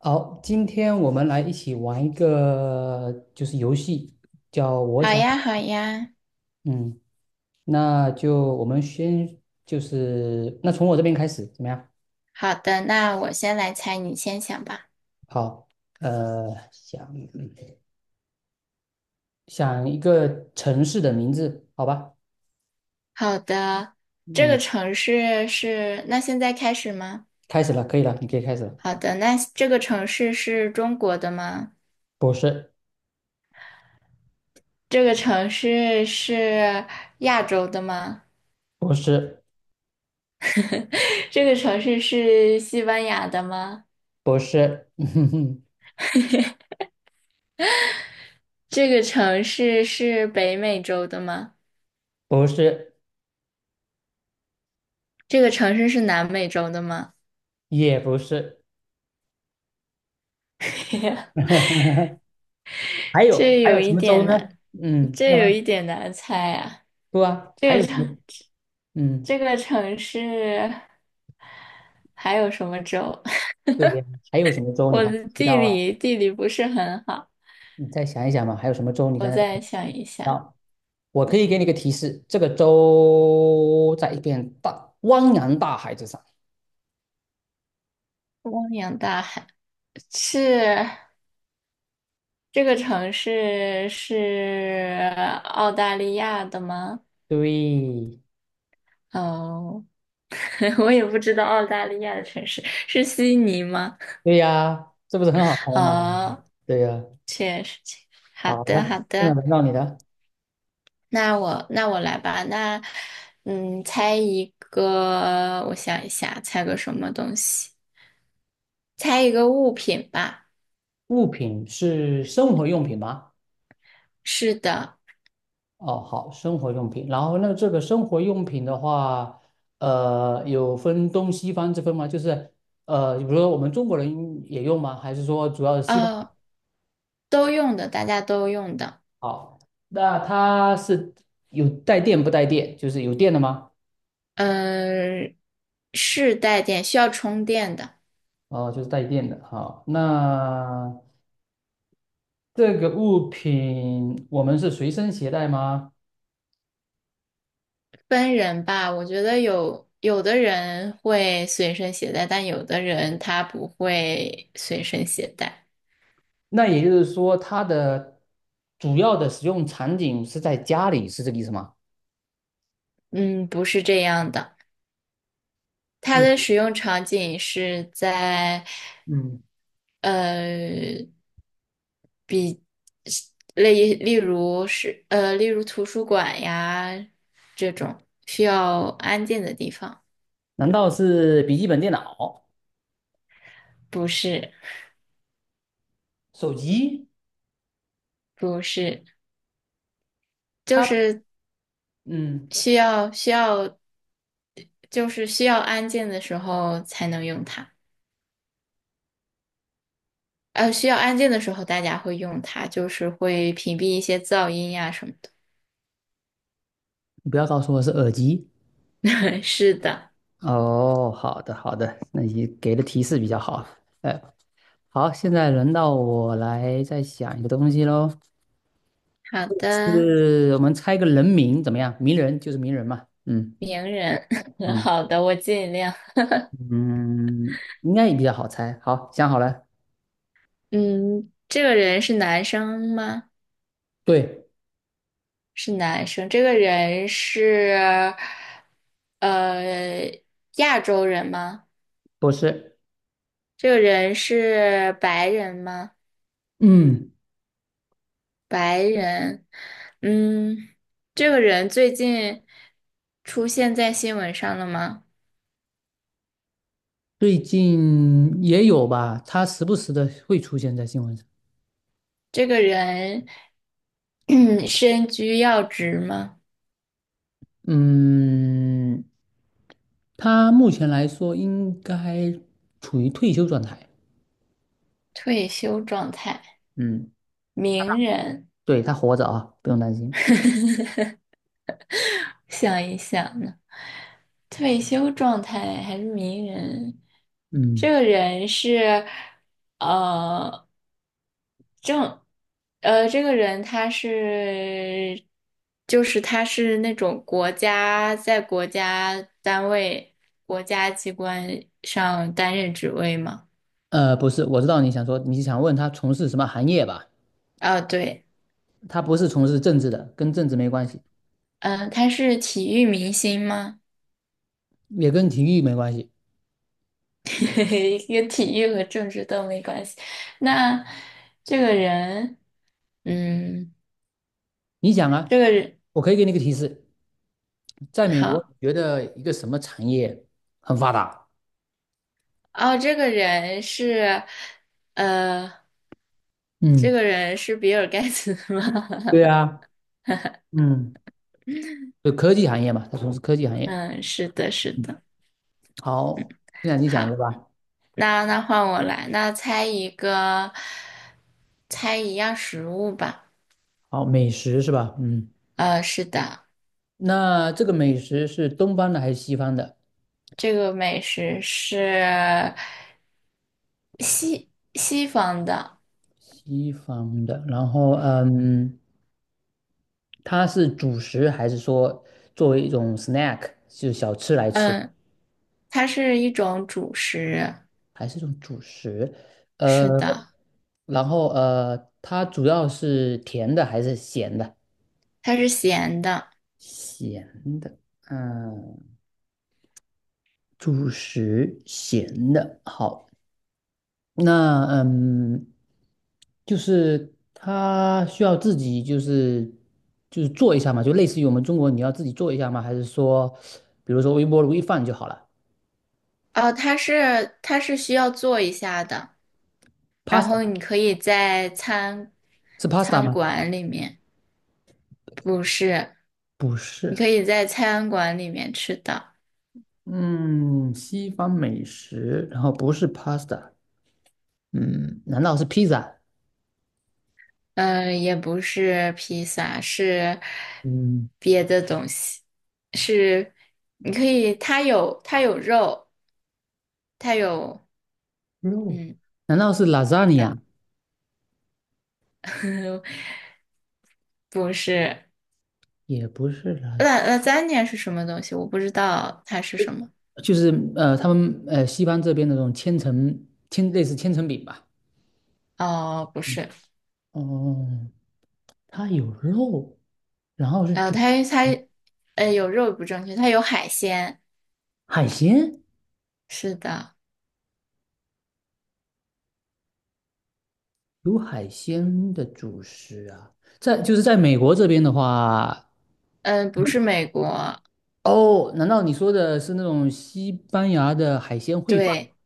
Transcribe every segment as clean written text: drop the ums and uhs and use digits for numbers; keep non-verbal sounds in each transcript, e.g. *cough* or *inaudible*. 好，今天我们来一起玩一个游戏，叫我好想。呀，好呀。嗯，那我们先就是那从我这边开始怎么样？好的，那我先来猜，你先想吧。好，想想一个城市的名字，好吧？好的，这个嗯，城市是，那现在开始吗？开始了，可以了，你可以开始了。好的，那这个城市是中国的吗？不是。这个城市是亚洲的吗？不是。*laughs* 这个城市是西班牙的吗？不是。*laughs* 这个城市是北美洲的吗？不是。这个城市是南美洲的吗？也不是。*laughs* 还有这有一什么州点呢？难，嗯，这慢有慢一点难猜啊。不啊，还这有个什么？城。嗯。这个城市还有什么州？*laughs* 对呀，还有什么州你我还没的提地到啊？理地理不是很好，你再想一想嘛，还有什么州你我刚才没提再想一下。到？我可以给你个提示，这个州在一片大汪洋大海之上。汪洋大海是这个城市是澳大利亚的吗？对。哦，*laughs* 我也不知道澳大利亚的城市是悉尼吗？对呀，这不是很好猜吗？哦，对呀。确实，确实。好好了，的，好现在的，轮到你的那我来吧。那猜一个，我想一下，猜个什么东西？猜一个物品吧。物品。是生活用品吗？是的。哦，好，生活用品。然后那这个生活用品的话，有分东西方之分吗？比如说我们中国人也用吗？还是说主要是西方？呃，都用的，大家都用的。好，那它是有带电不带电？就是有电的吗？嗯，是带电，需要充电的。哦，就是带电的。好，那这个物品我们是随身携带吗？分人吧，我觉得有的人会随身携带，但有的人他不会随身携带。那也就是说，它的主要的使用场景是在家里，是这个意思吗？嗯，不是这样的。它嗯。的使用场景是在，嗯，呃，例如图书馆呀，需要安静的地方。难道是笔记本电脑、不是。手机？不是。就它，是嗯，需要需要，就是需要安静的时候才能用它。需要安静的时候大家会用它，就是会屏蔽一些噪音呀、什么的。你不要告诉我是耳机。*laughs* 是的。哦，好的，好的，那你给的提示比较好。哎。好，现在轮到我来再想一个东西喽，好的。是我们猜个人名怎么样？名人就是名人嘛。嗯名人，*laughs* 嗯。好的，我尽量。嗯，应该也比较好猜。好，想好了。嗯，这个人是男生吗？对。是男生。这个人是，呃，亚洲人吗？不是。这个人是白人吗？嗯，白人，嗯，这个人最近出现在新闻上了吗？最近也有吧，他时不时的会出现在新闻上。这个人 *clears throat* 身居要职吗？嗯，他目前来说应该处于退休状态。退休状态，嗯。名人，对，他活着啊，不用担心。*laughs* 想一想呢，退休状态还是名人？这嗯，个人是，呃。正，这个人他是，就是他是那种国家在国家单位、国家机关上担任职位吗？不是。我知道你想说，你想问他从事什么行业吧？哦，对。他不是从事政治的，跟政治没关系，嗯、他是体育明星吗？也跟体育没关系。*laughs* 跟体育和政治都没关系。那这个人，嗯，你想啊，这个人。我可以给你一个提示，在美国，好。你觉得一个什么产业很发达？哦，这个人是，呃，这嗯。个人是比尔盖茨吗？对 *laughs* 啊。嗯，就科技行业嘛，他从事科技行业。嗯，是的，是嗯，的。好，这两你讲一个好，吧。那换我来，那猜一个，猜一样食物吧。好，美食是吧？嗯，是的。那这个美食是东方的还是西方的？这个美食是，西方的。然后，嗯，它是主食还是说作为一种 snack，就是小吃来吃？嗯，它是一种主食。还是种主食。呃，是的，然后它主要是甜的还是咸的？它是咸的。咸的。嗯，主食咸的，好。那嗯，就是它需要自己做一下嘛，就类似于我们中国你要自己做一下吗？还是说，比如说微波炉一放就好了哦，它是需要做一下的，然后？Pasta， 你可以在餐是 pasta 餐吗？馆里面，不是，不你是。可以在餐馆里面吃的。嗯，西方美食，然后不是 pasta。嗯，难道是披萨？嗯，也不是披萨，是嗯别的东西，是你可以，它有肉，它有肉，嗯难道是 的，lasagna？*laughs* 不是，也不是 那 las，那 l a s a a 是什么东西？我不知道它是什么。就是他们西方这边的那种千层千类似千层饼吧。哦，不嗯是，哦，它有肉，然后是呃，它它呃有肉不正确，它有海鲜，海鲜，是的。有海鲜的主食啊。就是在美国这边的话。嗯、不是美国。哦，难道你说的是那种西班牙的海鲜烩饭？对，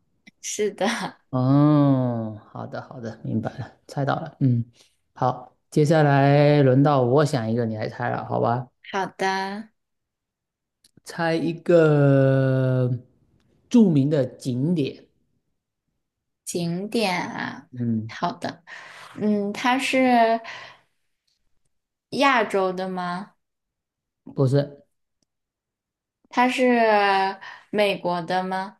是的。哦，好的，好的，明白了，猜到了。嗯，好，接下来轮到我想一个，你来猜了，好吧？*laughs* 好的。猜一个著名的景点。景点啊，嗯。好的。嗯，它是，亚洲的吗？不是。它是美国的吗？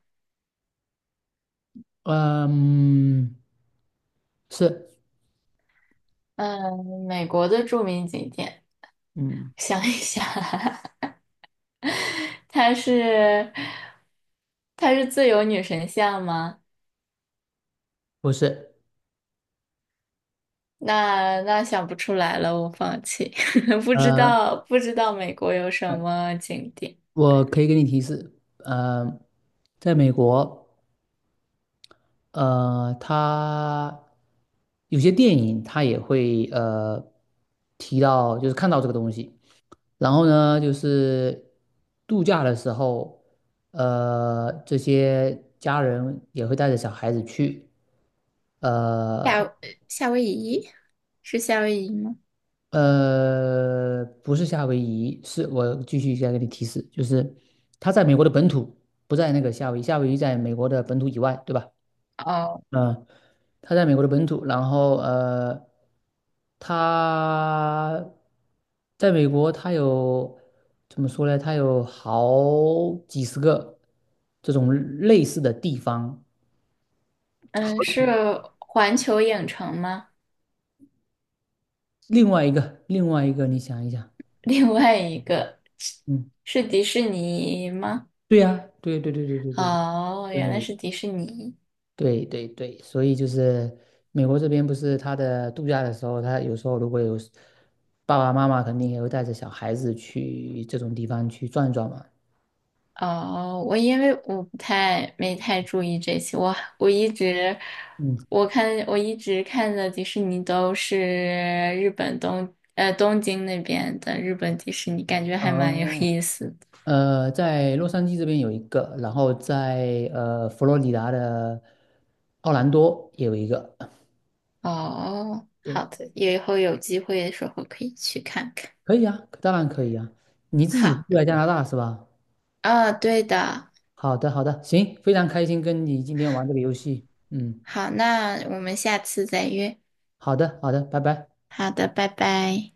嗯，是。嗯，美国的著名景点，嗯，想一想，*laughs* 它是自由女神像吗？不是。那那想不出来了，我放弃，*laughs* 呃，不知道美国有什么景点。我可以给你提示。呃，在美国，它有些电影它也会提到，就是看到这个东西。然后呢，就是度假的时候，这些家人也会带着小孩子去。呃夏夏威夷是夏威夷吗？不是夏威夷，是我继续再给你提示，就是它在美国的本土，不在那个夏威夷，夏威夷在美国的本土以外，对吧？哦。嗯，他在美国的本土，然后他在美国，他有怎么说呢？他有好几十个这种类似的地方。嗯，是环球影城吗？另外一个，另外一个，你想一想。另外一个是嗯。是迪士尼吗？对呀，对对对对对对哦，原来是迪士尼。对对对对，所以就是美国这边不是他的度假的时候，他有时候如果有爸爸妈妈肯定也会带着小孩子去这种地方去转转嘛。哦，我因为我不太没太注意这些，我一直，嗯。我看我一直看的迪士尼都是日本东京那边的日本迪士尼，感觉还蛮有哦，意思的。在洛杉矶这边有一个，然后在佛罗里达的奥兰多也有一个。哦，好对，的，以后有机会的时候可以去看看。可以啊，当然可以啊。你自己好。住在加拿大是吧？哦，对的。好的，好的，行，非常开心跟你今天玩这个游戏。嗯，好，那我们下次再约。好的，好的，拜拜。好的，拜拜。